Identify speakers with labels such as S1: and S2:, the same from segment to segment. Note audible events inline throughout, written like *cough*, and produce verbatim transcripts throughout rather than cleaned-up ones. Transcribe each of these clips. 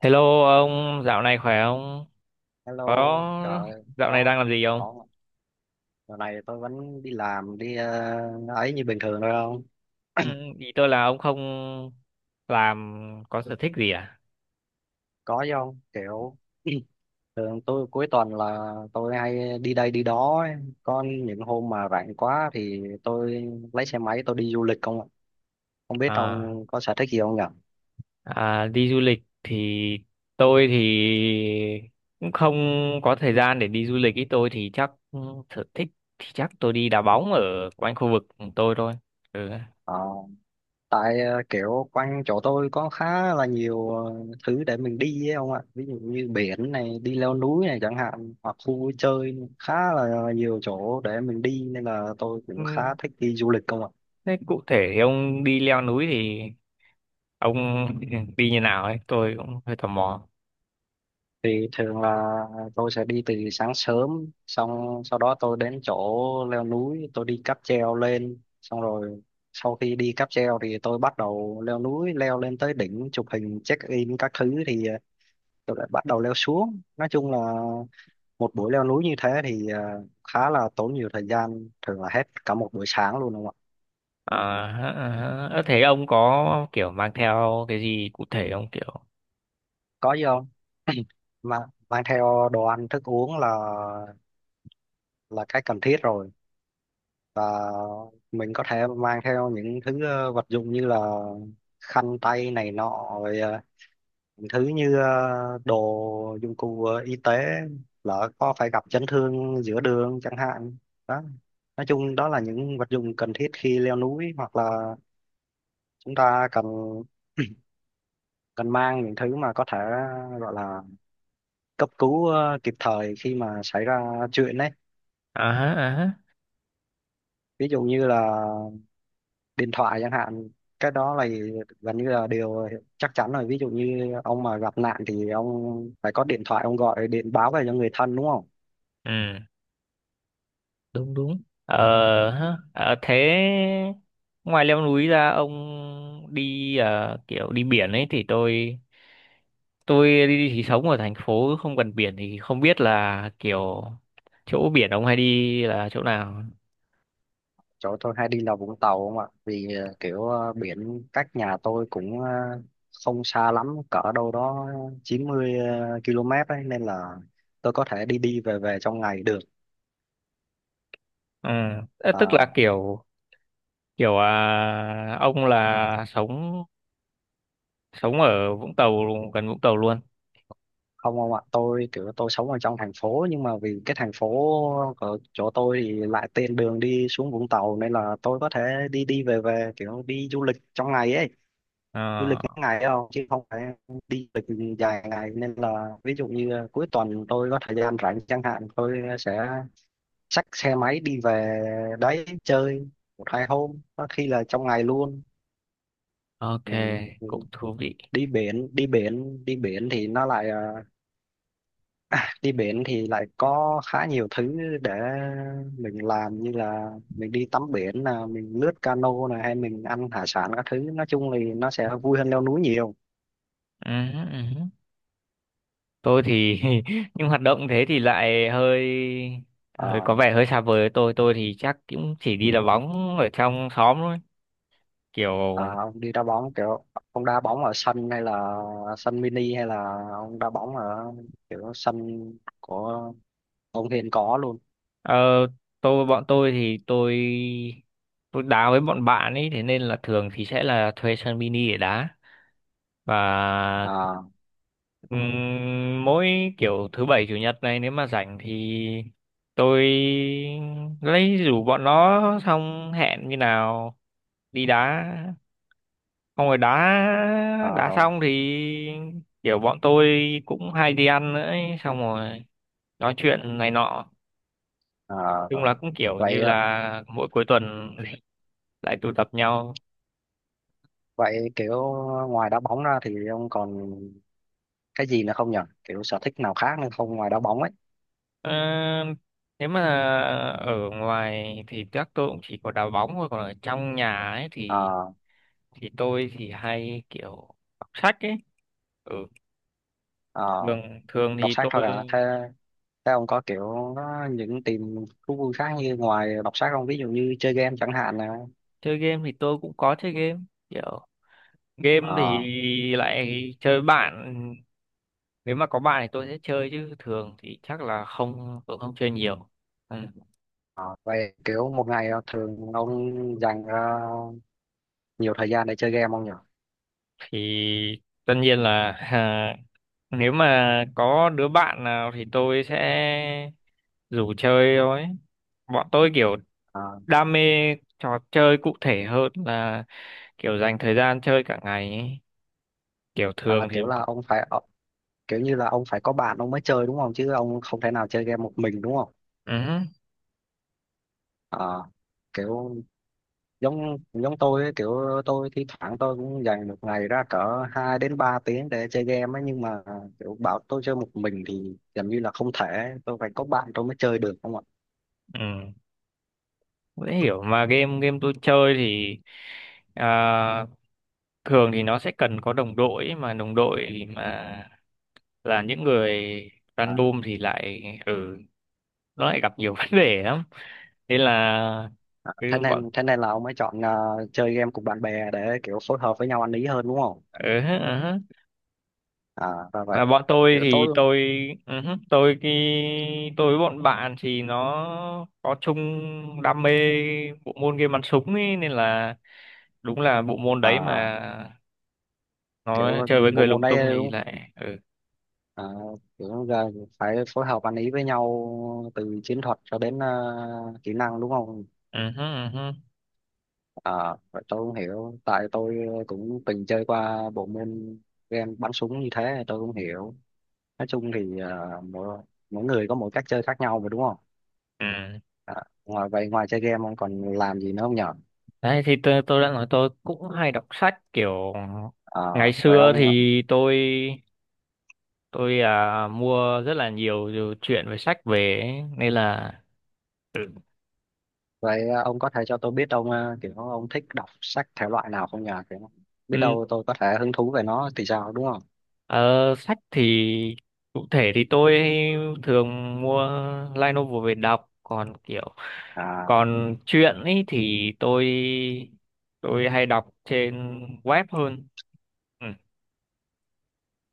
S1: Hello ông, dạo này khỏe không?
S2: Hello,
S1: Có
S2: trời ơi,
S1: dạo này
S2: có
S1: đang làm gì không?
S2: có mà. Giờ này tôi vẫn đi làm, đi ờ, ấy như bình thường thôi không?
S1: Ừ, ý tôi là ông không làm có sở thích gì à?
S2: Có chứ không? Kiểu *clears throat* thường tôi cuối tuần là tôi hay đi đây đi đó ấy. Có những hôm mà rảnh quá thì tôi lấy xe máy tôi đi du lịch không ạ? Không biết
S1: À,
S2: ông có sở thích gì không nhỉ?
S1: à đi du lịch thì tôi thì cũng không có thời gian để đi du lịch. Ý tôi thì chắc ừ, sở thích thì chắc tôi đi đá bóng ở quanh khu vực của tôi thôi. Ừ.
S2: Ờ. Tại ờ, kiểu quanh chỗ tôi có khá là nhiều ờ, thứ để mình đi ấy ông ạ, ví dụ như biển này, đi leo núi này chẳng hạn, hoặc khu vui chơi khá là nhiều chỗ để mình đi, nên là tôi
S1: Ừ,
S2: cũng khá thích đi du lịch không ạ.
S1: thế cụ thể thì ông đi leo núi thì ông *laughs* đi như nào ấy? Tôi cũng hơi tò mò.
S2: Thì thường là tôi sẽ đi từ sáng sớm, xong sau đó tôi đến chỗ leo núi, tôi đi cáp treo lên, xong rồi sau khi đi cáp treo thì tôi bắt đầu leo núi, leo lên tới đỉnh chụp hình check in các thứ, thì ờ, tôi lại bắt đầu leo xuống. Nói chung là một buổi leo núi như thế thì ờ, khá là tốn nhiều thời gian, thường là hết cả một buổi sáng luôn, đúng không ạ?
S1: À, hả, à, hả. Ơ, thế ông có kiểu mang theo cái gì cụ thể không kiểu
S2: Có gì không mà, mang theo đồ ăn thức uống là là cái cần thiết rồi, và mình có thể mang theo những thứ ờ, vật dụng như là khăn tay này nọ, rồi ờ, những thứ như ờ, đồ dụng cụ ờ, y tế, lỡ có phải gặp chấn thương giữa đường chẳng hạn đó. Nói chung đó là những vật dụng cần thiết khi leo núi, hoặc là chúng ta cần *clears throat* cần mang những thứ mà có thể gọi là cấp cứu ờ, kịp thời khi mà xảy ra chuyện đấy.
S1: à hả, à hả.
S2: Ví dụ như là điện thoại chẳng hạn, cái đó là gần như là điều chắc chắn rồi. Ví dụ như ông mà gặp nạn thì ông phải có điện thoại, ông gọi điện báo về cho người thân, đúng không?
S1: Ừ đúng đúng ờ Hả. Ờ, thế ngoài leo núi ra ông đi ờ, kiểu đi biển ấy thì tôi tôi đi thì sống ở thành phố không gần biển thì không biết là kiểu chỗ biển ông hay đi là chỗ nào.
S2: Chỗ tôi hay đi là Vũng Tàu không ạ, vì ờ, kiểu ờ, biển cách nhà tôi cũng ờ, không xa lắm, cỡ đâu đó chín mươi ki lô mét ấy, nên là tôi có thể đi đi về về trong ngày được.
S1: Ừ. Ờ, tức
S2: À,
S1: là kiểu kiểu à, ông là sống sống ở Vũng Tàu gần Vũng Tàu luôn.
S2: không không ạ, tôi kiểu tôi sống ở trong thành phố, nhưng mà vì cái thành phố ở chỗ tôi thì lại tiện đường đi xuống Vũng Tàu, nên là tôi có thể đi đi về về kiểu đi du lịch trong ngày ấy. Du
S1: Ờ,
S2: lịch ngắn ngày đâu chứ không phải đi du lịch dài ngày, nên là ví dụ như à, cuối tuần tôi có thời gian rảnh chẳng hạn, tôi sẽ xách xe máy đi về đấy chơi một hai hôm, có khi là trong ngày luôn.
S1: ok,
S2: Ừ,
S1: cũng thú vị.
S2: đi biển, đi biển đi biển thì nó lại à, À, đi biển thì lại có khá nhiều thứ để mình làm, như là mình đi tắm biển, là mình lướt cano này, hay mình ăn hải sản các thứ, nói chung thì nó sẽ vui hơn leo núi nhiều.
S1: Ừ, ừ. Tôi thì *laughs* nhưng hoạt động thế thì lại hơi
S2: Ờ,
S1: hơi có vẻ hơi xa vời với tôi. Tôi thì chắc cũng chỉ đi đá bóng ở trong xóm thôi. Kiểu
S2: à, ông đi đá bóng kiểu, ông đá bóng ở sân hay là sân mini, hay là ông đá bóng ở kiểu sân của ông Hiền có luôn?
S1: ờ, tôi bọn tôi thì tôi tôi đá với bọn bạn ấy thế nên là thường thì sẽ là thuê sân mini để đá và
S2: à,
S1: ừm, mỗi kiểu thứ bảy chủ nhật này nếu mà rảnh thì tôi lấy rủ bọn nó xong hẹn như nào đi đá không rồi đá
S2: à
S1: đá
S2: rồi,
S1: xong thì kiểu bọn tôi cũng hay đi ăn nữa ấy, xong rồi nói chuyện này nọ
S2: à,
S1: chung là cũng kiểu
S2: rồi,
S1: như
S2: vậy.
S1: là mỗi cuối tuần *laughs* lại tụ tập nhau.
S2: Vậy kiểu ngoài đá bóng ra thì ông còn cái gì nữa không nhỉ, kiểu sở thích nào khác nữa không, ngoài đá bóng ấy?
S1: Ờ, nếu mà ở ngoài thì chắc tôi cũng chỉ có đá bóng thôi còn ở trong nhà ấy thì
S2: ờ
S1: thì tôi thì hay kiểu đọc sách ấy, ừ
S2: ờ,
S1: thường thường
S2: đọc
S1: thì
S2: sách
S1: tôi
S2: thôi à? Thế thế ông có kiểu có những tìm thú vui khác như ngoài đọc sách không, ví dụ như chơi game chẳng hạn à?
S1: chơi game thì tôi cũng có chơi game kiểu game thì
S2: ờ
S1: lại chơi bạn nếu mà có bạn thì tôi sẽ chơi chứ thường thì chắc là không tôi không chơi nhiều. Ừ.
S2: ờ, vậy kiểu một ngày thường ông dành ra nhiều thời gian để chơi game không nhỉ?
S1: Thì tất nhiên là *laughs* à, nếu mà có đứa bạn nào thì tôi sẽ rủ chơi thôi bọn tôi kiểu đam mê trò chơi cụ thể hơn là kiểu dành thời gian chơi cả ngày ấy, kiểu
S2: Ờ, à,
S1: thường thì
S2: kiểu là ông phải ờ, kiểu như là ông phải có bạn ông mới chơi, đúng không, chứ ông không thể nào chơi game một mình, đúng không?
S1: ừ,
S2: Ờ, kiểu giống giống tôi ấy, kiểu tôi thi thoảng tôi cũng dành một ngày ra cỡ hai đến ba tiếng để chơi game ấy, nhưng mà kiểu bảo tôi chơi một mình thì gần như là không thể, tôi phải có bạn tôi mới chơi được không ạ.
S1: ừ. Dễ hiểu mà game game tôi chơi thì à, thường thì nó sẽ cần có đồng đội ấy, mà đồng đội mà là những người
S2: à,
S1: random thì lại ừ nó lại gặp nhiều *laughs* vấn đề lắm nên là
S2: à,
S1: cứ
S2: thế
S1: bọn
S2: nên thế nên là ông ấy chọn, à, chơi game cùng bạn bè để kiểu phối hợp với nhau ăn ý hơn, đúng không?
S1: ừ, ừ. Ừ.
S2: à và vậy
S1: Mà bọn tôi
S2: kiểu
S1: thì
S2: tôi,
S1: tôi ừ, ừ, tôi cái tôi với bọn bạn thì nó có chung đam mê bộ môn game bắn súng ấy nên là đúng là bộ môn đấy
S2: à,
S1: mà nó
S2: kiểu
S1: chơi với
S2: bộ
S1: người
S2: môn
S1: lung tung
S2: này
S1: thì
S2: đúng,
S1: lại ừ.
S2: à, kiểu giờ phải phối hợp ăn ý với nhau từ chiến thuật cho đến à, kỹ năng, đúng không?
S1: Ừ, hứ, ừ, hứ.
S2: À, vậy tôi không hiểu, tại tôi ờ, cũng từng chơi qua bộ môn game bắn súng như thế, tôi không hiểu. Nói chung thì à, mỗi, mỗi người có mỗi cách chơi khác nhau mà, đúng không?
S1: Ừ.
S2: À, ngoài vậy ngoài chơi game ông còn làm gì nữa không nhở?
S1: Đấy thì tôi, tôi đã nói tôi cũng hay đọc sách kiểu ngày
S2: à, vậy
S1: xưa
S2: ông
S1: thì tôi tôi à, mua rất là nhiều nhiều chuyện về sách về ấy, nên là
S2: vậy ông có thể cho tôi biết ông, à, kiểu ông thích đọc sách thể loại nào không nhờ, kiểu biết
S1: ừ,
S2: đâu tôi có thể hứng thú về nó thì sao, đúng không?
S1: ờ, sách thì cụ thể thì tôi thường mua light novel về đọc còn kiểu
S2: à,
S1: còn chuyện ấy thì tôi tôi hay đọc trên web hơn. Ừ.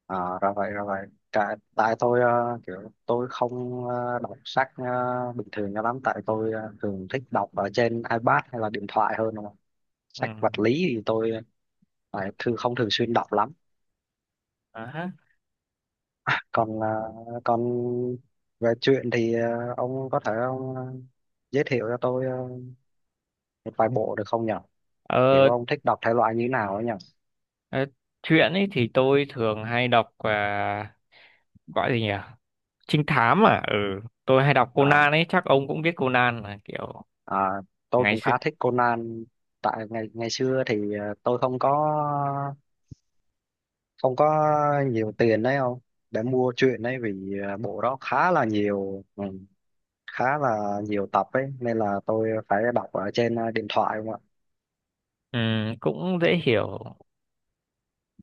S2: À, ra vậy ra vậy, tại, tại tôi ờ, kiểu tôi không ờ, đọc sách ờ, bình thường cho lắm, tại tôi ờ, thường thích đọc ở trên iPad hay là điện thoại hơn, đúng không?
S1: Ừ.
S2: Sách vật lý thì tôi lại thường không thường xuyên đọc lắm.
S1: À, ha.
S2: Còn ờ, còn về truyện thì ờ, ông có thể ông ờ, giới thiệu cho tôi ờ, một vài bộ được không nhỉ, kiểu
S1: Ờ,
S2: ông thích đọc thể loại như nào ấy nhỉ?
S1: ờ, truyện ấy thì tôi thường hay đọc à, gọi gì nhỉ? Trinh thám à? Ừ, tôi hay đọc
S2: à,
S1: Conan ấy, chắc ông cũng biết Conan là kiểu
S2: à, tôi
S1: ngày
S2: cũng khá
S1: xưa
S2: thích Conan. Tại ngày ngày xưa thì ờ, tôi không có, ông có nhiều tiền đấy không để mua truyện đấy, vì à, bộ đó khá là nhiều, ừ, khá là nhiều tập ấy, nên là tôi phải đọc ở trên à, điện thoại không ạ.
S1: ừ, cũng dễ hiểu.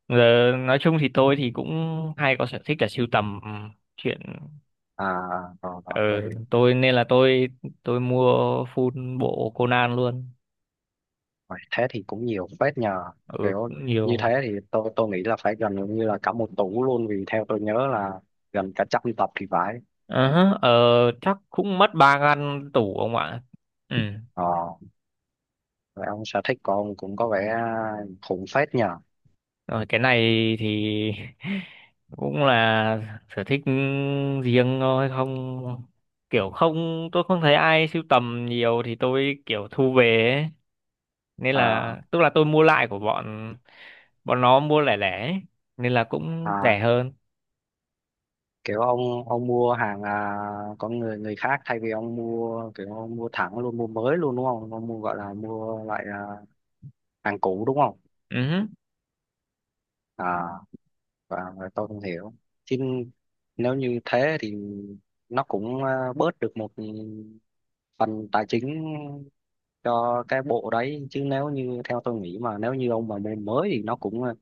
S1: Giờ nói chung thì tôi thì cũng hay có sở thích là sưu tầm ừ, truyện
S2: À rồi, rồi, vậy
S1: ừ, tôi nên là tôi tôi mua full bộ Conan luôn.
S2: vậy thế thì cũng nhiều phết nhờ.
S1: Ừ,
S2: Kiểu
S1: cũng
S2: như
S1: nhiều.
S2: thế thì tôi tôi nghĩ là phải gần như là cả một tủ luôn, vì theo tôi nhớ là gần cả trăm tập thì phải.
S1: Ờ, hả, ờ, chắc cũng mất ba ngăn tủ ông ạ. Ừ.
S2: Ờ vậy ông, sở thích của ông cũng có vẻ à, khủng phết nhờ.
S1: Rồi cái này thì *laughs* cũng là sở thích riêng thôi không kiểu không tôi không thấy ai sưu tầm nhiều thì tôi kiểu thu về ấy. Nên là
S2: à,
S1: tức là tôi mua lại của bọn bọn nó mua lẻ lẻ ấy. Nên là cũng
S2: à
S1: rẻ hơn.
S2: kiểu ông ông mua hàng, à, con người người khác, thay vì ông mua kiểu ông mua thẳng luôn, mua mới luôn đúng không, ông mua gọi là mua loại, à, hàng cũ đúng không?
S1: Ừ.
S2: à và, và tôi không hiểu chứ, nếu như thế thì nó cũng à, bớt được một phần tài chính cho cái bộ đấy, chứ nếu như theo tôi nghĩ mà nếu như ông mà mua mới thì nó cũng à,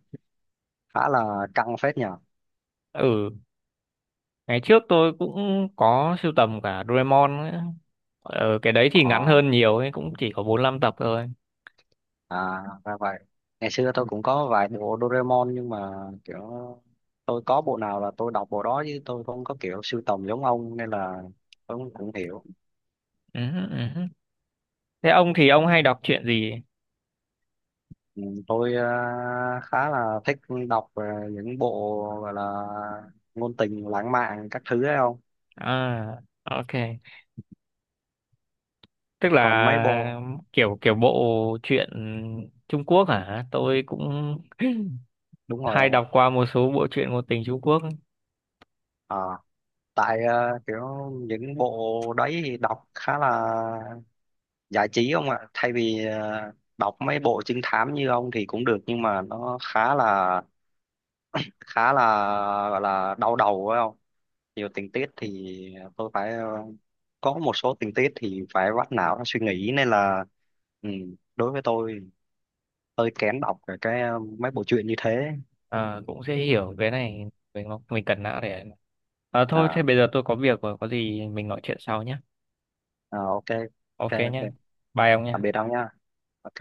S2: khá là căng phết nhờ.
S1: Ừ, ngày trước tôi cũng có sưu tầm cả Doraemon ấy. Ờ, cái đấy thì ngắn
S2: Ờ
S1: hơn nhiều ấy, cũng chỉ có bốn lăm tập thôi.
S2: À, ra vậy. Ngày xưa tôi cũng có vài bộ Doraemon, nhưng mà kiểu tôi có bộ nào là tôi đọc bộ đó, chứ tôi không có kiểu sưu tầm giống ông, nên là tôi cũng cũng hiểu.
S1: Ừ. Ừ. Thế ông thì ông hay đọc truyện gì?
S2: Ừ, Tôi ờ, khá là thích đọc ờ, những bộ gọi là ngôn tình lãng mạn các thứ ấy không?
S1: À, ok, tức
S2: Còn mấy bộ,
S1: là kiểu kiểu bộ truyện Trung Quốc hả tôi cũng *clears throat*
S2: đúng
S1: *laughs*
S2: rồi
S1: hay
S2: không ạ?
S1: đọc qua một số bộ truyện ngôn tình Trung Quốc.
S2: ờ tại ờ, kiểu những bộ đấy thì đọc khá là giải trí không ạ, thay vì ờ, đọc mấy bộ trinh thám như ông thì cũng được, nhưng mà nó khá là khá là gọi là đau đầu phải không, nhiều tình tiết thì tôi phải ờ, có một số tình tiết thì phải vắt não ra suy nghĩ, nên là ừ, đối với tôi hơi kén đọc cái cái, ờ, mấy bộ truyện như thế.
S1: À, cũng sẽ hiểu cái này mình mình cần não để à, thôi thế
S2: à,
S1: bây giờ tôi có việc rồi có gì mình nói chuyện sau nhé.
S2: à ok ok,
S1: Ok nhé,
S2: ok,
S1: bye ông nhé.
S2: tạm biệt ông nha, ok.